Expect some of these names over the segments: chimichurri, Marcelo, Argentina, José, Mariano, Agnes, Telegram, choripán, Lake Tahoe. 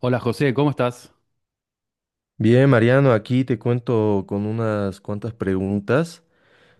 Hola José, ¿cómo estás? Bien, Mariano, aquí te cuento con unas cuantas preguntas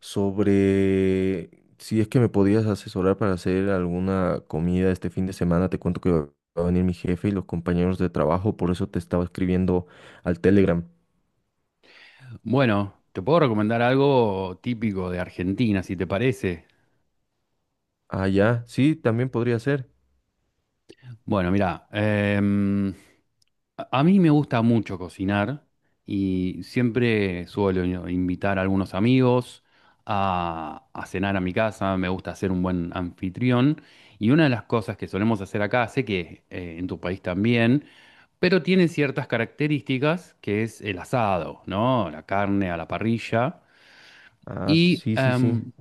sobre si es que me podías asesorar para hacer alguna comida este fin de semana. Te cuento que va a venir mi jefe y los compañeros de trabajo, por eso te estaba escribiendo al Telegram. Bueno, te puedo recomendar algo típico de Argentina, si te parece. Ah, ya, sí, también podría ser. Bueno, mira, a mí me gusta mucho cocinar y siempre suelo invitar a algunos amigos a cenar a mi casa, me gusta ser un buen anfitrión y una de las cosas que solemos hacer acá, sé que en tu país también, pero tiene ciertas características que es el asado, ¿no? La carne a la parrilla. Ah, Y sí, sí, sí.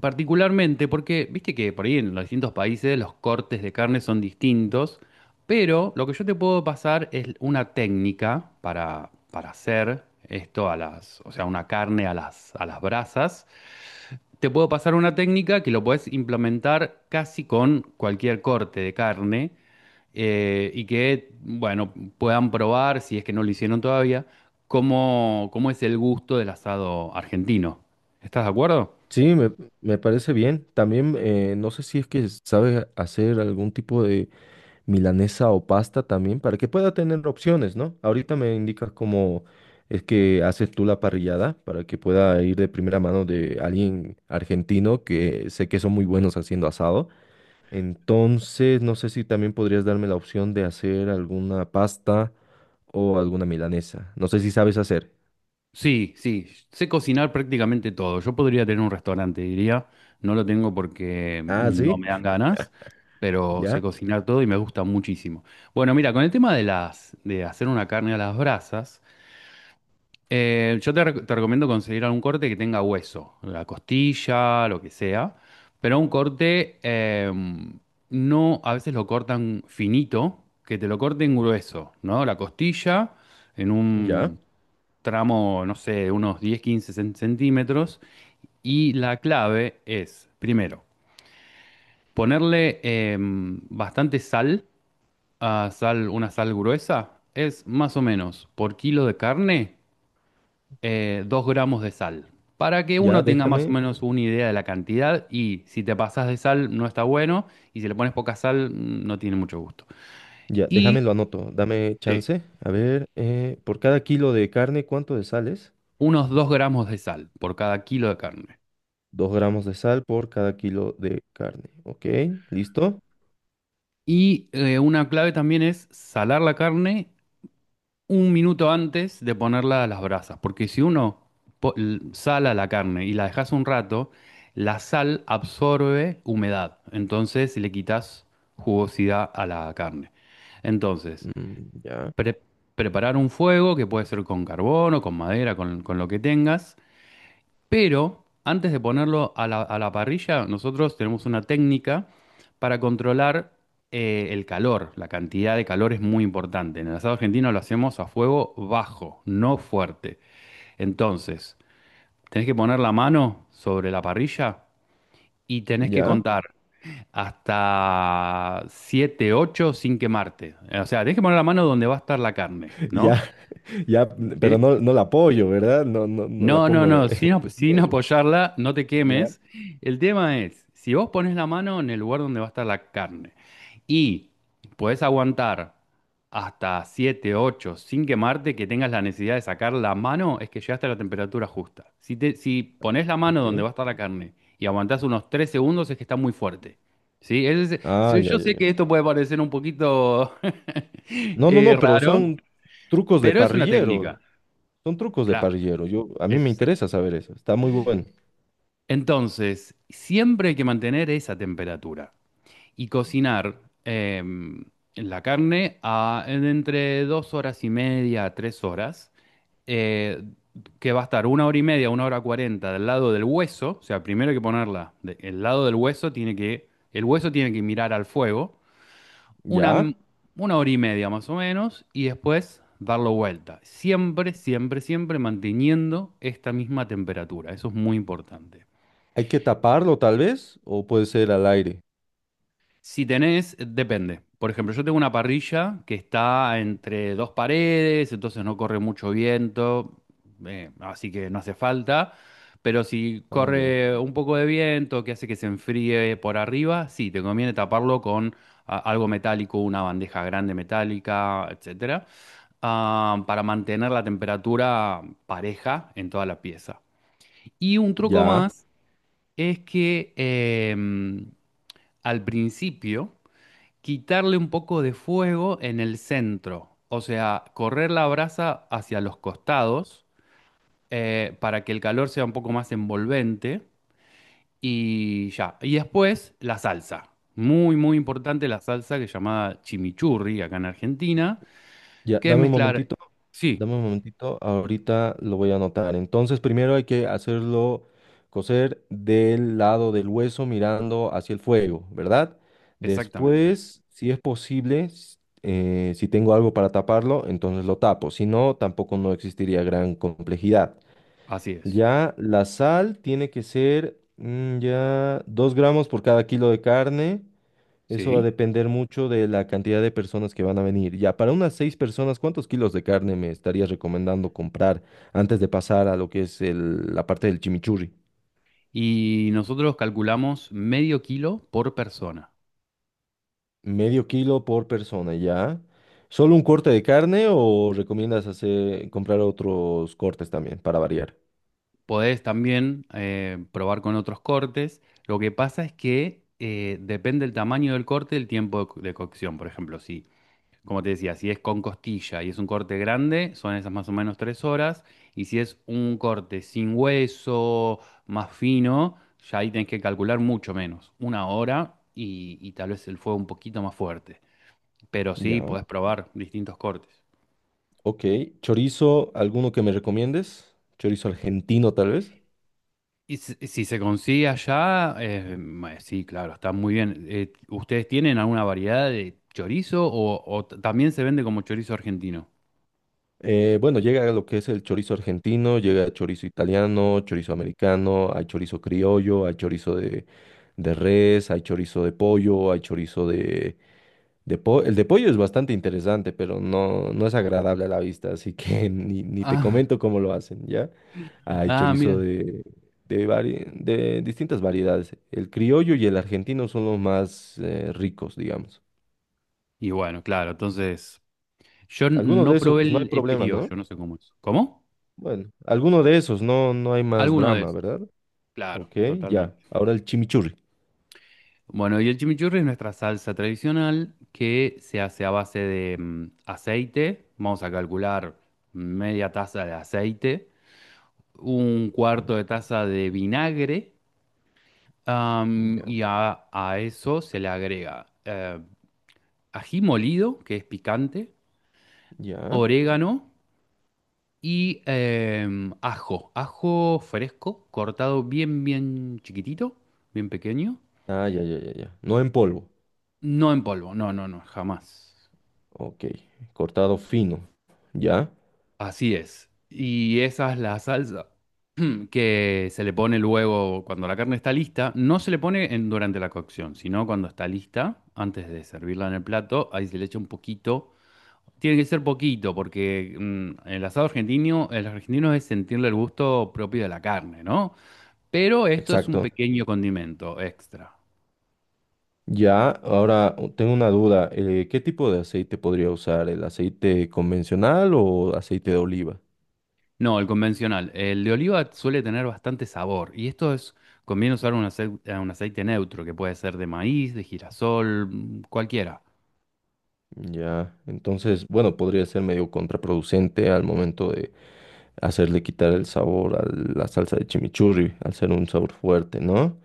particularmente porque, viste que por ahí en los distintos países los cortes de carne son distintos, pero lo que yo te puedo pasar es una técnica para hacer esto o sea, una carne a las brasas te puedo pasar una técnica que lo puedes implementar casi con cualquier corte de carne y que, bueno, puedan probar, si es que no lo hicieron todavía, cómo es el gusto del asado argentino. ¿Estás de acuerdo? Sí, me parece bien. También no sé si es que sabes hacer algún tipo de milanesa o pasta también, para que pueda tener opciones, ¿no? Ahorita me indicas cómo es que haces tú la parrillada, para que pueda ir de primera mano de alguien argentino que sé que son muy buenos haciendo asado. Entonces, no sé si también podrías darme la opción de hacer alguna pasta o alguna milanesa. No sé si sabes hacer. Sí, sí, sé cocinar prácticamente todo. Yo podría tener un restaurante, diría. No lo tengo porque Ah, no sí, me dan ganas, pero sé ya, cocinar todo y me gusta muchísimo. Bueno, mira, con el tema de hacer una carne a las brasas. Te recomiendo conseguir algún corte que tenga hueso, la costilla, lo que sea, pero un corte no, a veces lo cortan finito, que te lo corten grueso, ¿no? La costilla en ya, un tramo, no sé, de unos 10, 15 centímetros. Y la clave es, primero, ponerle bastante sal, una sal gruesa, es más o menos por kilo de carne 2 gramos de sal. Para que ya, uno tenga más o déjame. menos una idea de la cantidad y si te pasas de sal no está bueno y si le pones poca sal no tiene mucho gusto. Ya, déjame Y lo anoto, dame Sí. chance. A ver, por cada kilo de carne, ¿cuánto de sales? Unos 2 gramos de sal por cada kilo de carne. 2 gramos de sal por cada kilo de carne. ¿Ok? ¿Listo? Y una clave también es salar la carne un minuto antes de ponerla a las brasas, porque si uno sala la carne y la dejas un rato, la sal absorbe humedad, entonces le quitas jugosidad a la carne. Entonces, Mm, ya, pre- preparar un fuego que puede ser con carbón o con madera, con lo que tengas, pero antes de ponerlo a la parrilla, nosotros tenemos una técnica para controlar el calor. La cantidad de calor es muy importante. En el asado argentino lo hacemos a fuego bajo, no fuerte. Entonces, tenés que poner la mano sobre la parrilla y tenés que ya, contar hasta 7, 8 sin quemarte. O sea, tenés que poner la mano donde va a estar la carne, ya, ¿no? ya, pero ¿Sí? no, no la apoyo, ¿verdad? No, no, no la No, no, pongo. no, sin Hierro, apoyarla, no te ya. quemes. El tema es, si vos pones la mano en el lugar donde va a estar la carne y podés aguantar hasta 7, 8 sin quemarte, que tengas la necesidad de sacar la mano, es que llegaste a la temperatura justa. Si pones la mano Ok. donde va a estar la carne y aguantás unos 3 segundos, es que está muy fuerte. ¿Sí? Ah, Sí, ya, yo ya, sé ya. que esto puede parecer un poquito No, no, no, pero raro, son trucos de pero es una técnica. parrillero. Son trucos de Claro. parrillero. Yo, a mí me interesa saber eso. Está muy bueno. Entonces, siempre hay que mantener esa temperatura y cocinar la carne a, en entre 2 horas y media a 3 horas, eh, que va a estar una hora y media, una hora cuarenta del lado del hueso. O sea, primero hay que ponerla el lado del hueso tiene que, el hueso tiene que mirar al fuego una Ya. m- una hora y media más o menos y después darlo vuelta. Siempre, siempre, siempre manteniendo esta misma temperatura. Eso es muy importante. Hay que taparlo, tal vez, o puede ser al aire. Si tenés, depende. Por ejemplo, yo tengo una parrilla que está entre dos paredes, entonces no corre mucho viento, así que no hace falta. Pero si Ah, ya. corre un poco de viento que hace que se enfríe por arriba, sí, te conviene taparlo con algo metálico, una bandeja grande metálica, etcétera, para mantener la temperatura pareja en toda la pieza. Y un truco Ya, más es que al principio quitarle un poco de fuego en el centro, o sea, correr la brasa hacia los costados para que el calor sea un poco más envolvente y ya. Y después la salsa. Muy, muy importante la salsa que es llamada chimichurri acá en Argentina, ya. que es Dame un mezclar. momentito. Sí, Dame un momentito, ahorita lo voy a anotar. Entonces, primero hay que hacerlo cocer del lado del hueso mirando hacia el fuego, ¿verdad? exactamente. Después, si es posible, si tengo algo para taparlo, entonces lo tapo. Si no, tampoco no existiría gran complejidad. Así es. Ya la sal tiene que ser ya 2 gramos por cada kilo de carne. Eso va a Sí. depender mucho de la cantidad de personas que van a venir. Ya, para unas seis personas, ¿cuántos kilos de carne me estarías recomendando comprar antes de pasar a lo que es la parte del chimichurri? Y nosotros calculamos medio kilo por persona. Medio kilo por persona, ¿ya? ¿Solo un corte de carne o recomiendas hacer, comprar otros cortes también para variar? Podés también probar con otros cortes. Lo que pasa es que depende del tamaño del corte, el tiempo de cocción. Por ejemplo, si, como te decía, si es con costilla y es un corte grande, son esas más o menos 3 horas. Y si es un corte sin hueso, más fino, ya ahí tenés que calcular mucho menos, una hora y tal vez el fuego un poquito más fuerte. Pero sí, Ya, podés probar distintos cortes. ok. Chorizo, ¿alguno que me recomiendes? Chorizo argentino, tal vez. Y si se consigue allá, sí, claro, está muy bien. ¿Ustedes tienen alguna variedad de chorizo también se vende como chorizo argentino? Bueno, llega lo que es el chorizo argentino, llega el chorizo italiano, chorizo americano, hay chorizo criollo, hay chorizo de res, hay chorizo de pollo, hay chorizo de pollo. El de pollo es bastante interesante, pero no, no es agradable a la vista, así que ni te Ah, comento cómo lo hacen, ¿ya? Hay ah, chorizo mira. de distintas variedades. El criollo y el argentino son los más ricos, digamos. Y bueno, claro, entonces yo Algunos de no esos probé no hay el problema, ¿no? criollo, no sé cómo es. ¿Cómo? Bueno, alguno de esos, no, no hay más Alguno de drama, esos. ¿verdad? Claro, Ok, ya. totalmente. Ahora el chimichurri. Bueno, y el chimichurri es nuestra salsa tradicional que se hace a base de aceite. Vamos a calcular media taza de aceite, un Ok, cuarto de taza de vinagre, ya, y a eso se le agrega ají molido, que es picante, ya. orégano y ajo, fresco, cortado bien, bien chiquitito, bien pequeño, Ah, ya, ya, ya, ya. No en polvo. no en polvo, no, no, no, jamás. Ok, cortado fino. Ya, Así es. Y esa es la salsa que se le pone luego cuando la carne está lista. No se le pone durante la cocción, sino cuando está lista, antes de servirla en el plato, ahí se le echa un poquito. Tiene que ser poquito, porque el asado argentino, el argentino es sentirle el gusto propio de la carne, ¿no? Pero esto es un exacto. pequeño condimento extra. Ya, ahora tengo una duda. ¿Qué tipo de aceite podría usar? ¿El aceite convencional o aceite de oliva? No, el convencional. El de oliva suele tener bastante sabor y esto es, conviene usar un aceite neutro, que puede ser de maíz, de girasol, cualquiera. Ya, entonces, bueno, podría ser medio contraproducente al momento de hacerle quitar el sabor a la salsa de chimichurri, al ser un sabor fuerte, ¿no?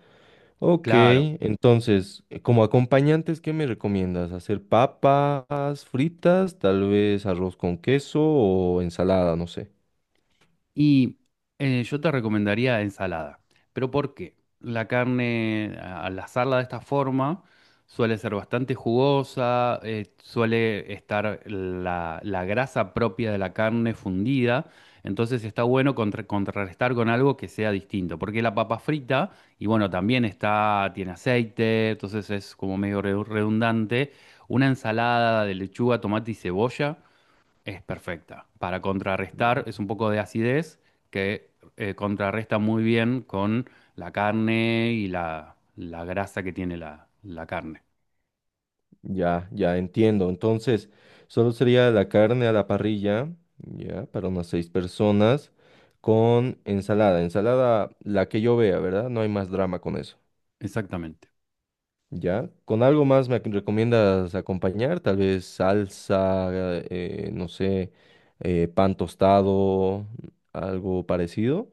Ok, Claro. entonces, como acompañantes, ¿qué me recomiendas? ¿Hacer papas fritas, tal vez arroz con queso o ensalada? No sé. Y yo te recomendaría ensalada. ¿Pero por qué? La carne, al asarla de esta forma, suele ser bastante jugosa, suele estar la grasa propia de la carne fundida. Entonces está bueno contrarrestar con algo que sea distinto. Porque la papa frita, y bueno, también está, tiene aceite, entonces es como medio redundante. Una ensalada de lechuga, tomate y cebolla. Es perfecta. Para Ya, contrarrestar, es un poco de acidez que contrarresta muy bien con la carne y la grasa que tiene la carne. ya, ya entiendo. Entonces, solo sería la carne a la parrilla, ya, para unas seis personas, con ensalada. Ensalada, la que yo vea, ¿verdad? No hay más drama con eso. Exactamente. Ya, ¿con algo más me recomiendas acompañar? Tal vez salsa, no sé, pan tostado, algo parecido.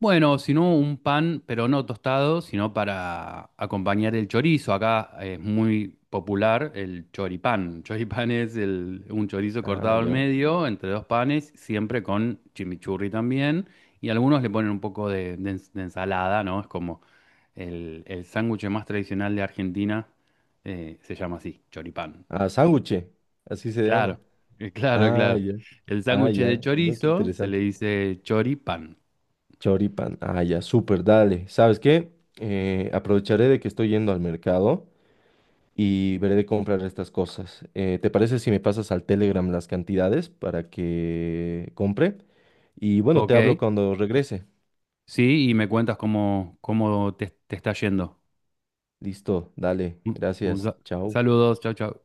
Bueno, si no, un pan, pero no tostado, sino para acompañar el chorizo. Acá es muy popular el choripán. Choripán es un chorizo Ah, cortado al ya. medio, entre dos panes, siempre con chimichurri también. Y algunos le ponen un poco de ensalada, ¿no? Es como el sándwich más tradicional de Argentina, se llama así, choripán. Ah, sándwich, así se llama. Claro, claro, Ah, claro. ya. El Ah, sándwich de ya. No, qué chorizo se le interesante. dice choripán. Choripan. Ah, ya, súper, dale. ¿Sabes qué? Aprovecharé de que estoy yendo al mercado y veré de comprar estas cosas. ¿Te parece si me pasas al Telegram las cantidades para que compre? Y bueno, te Ok, hablo cuando regrese. sí, y me cuentas cómo te está yendo. Listo, dale, Un- un gracias, sa- chao. Saludos, chao, chao.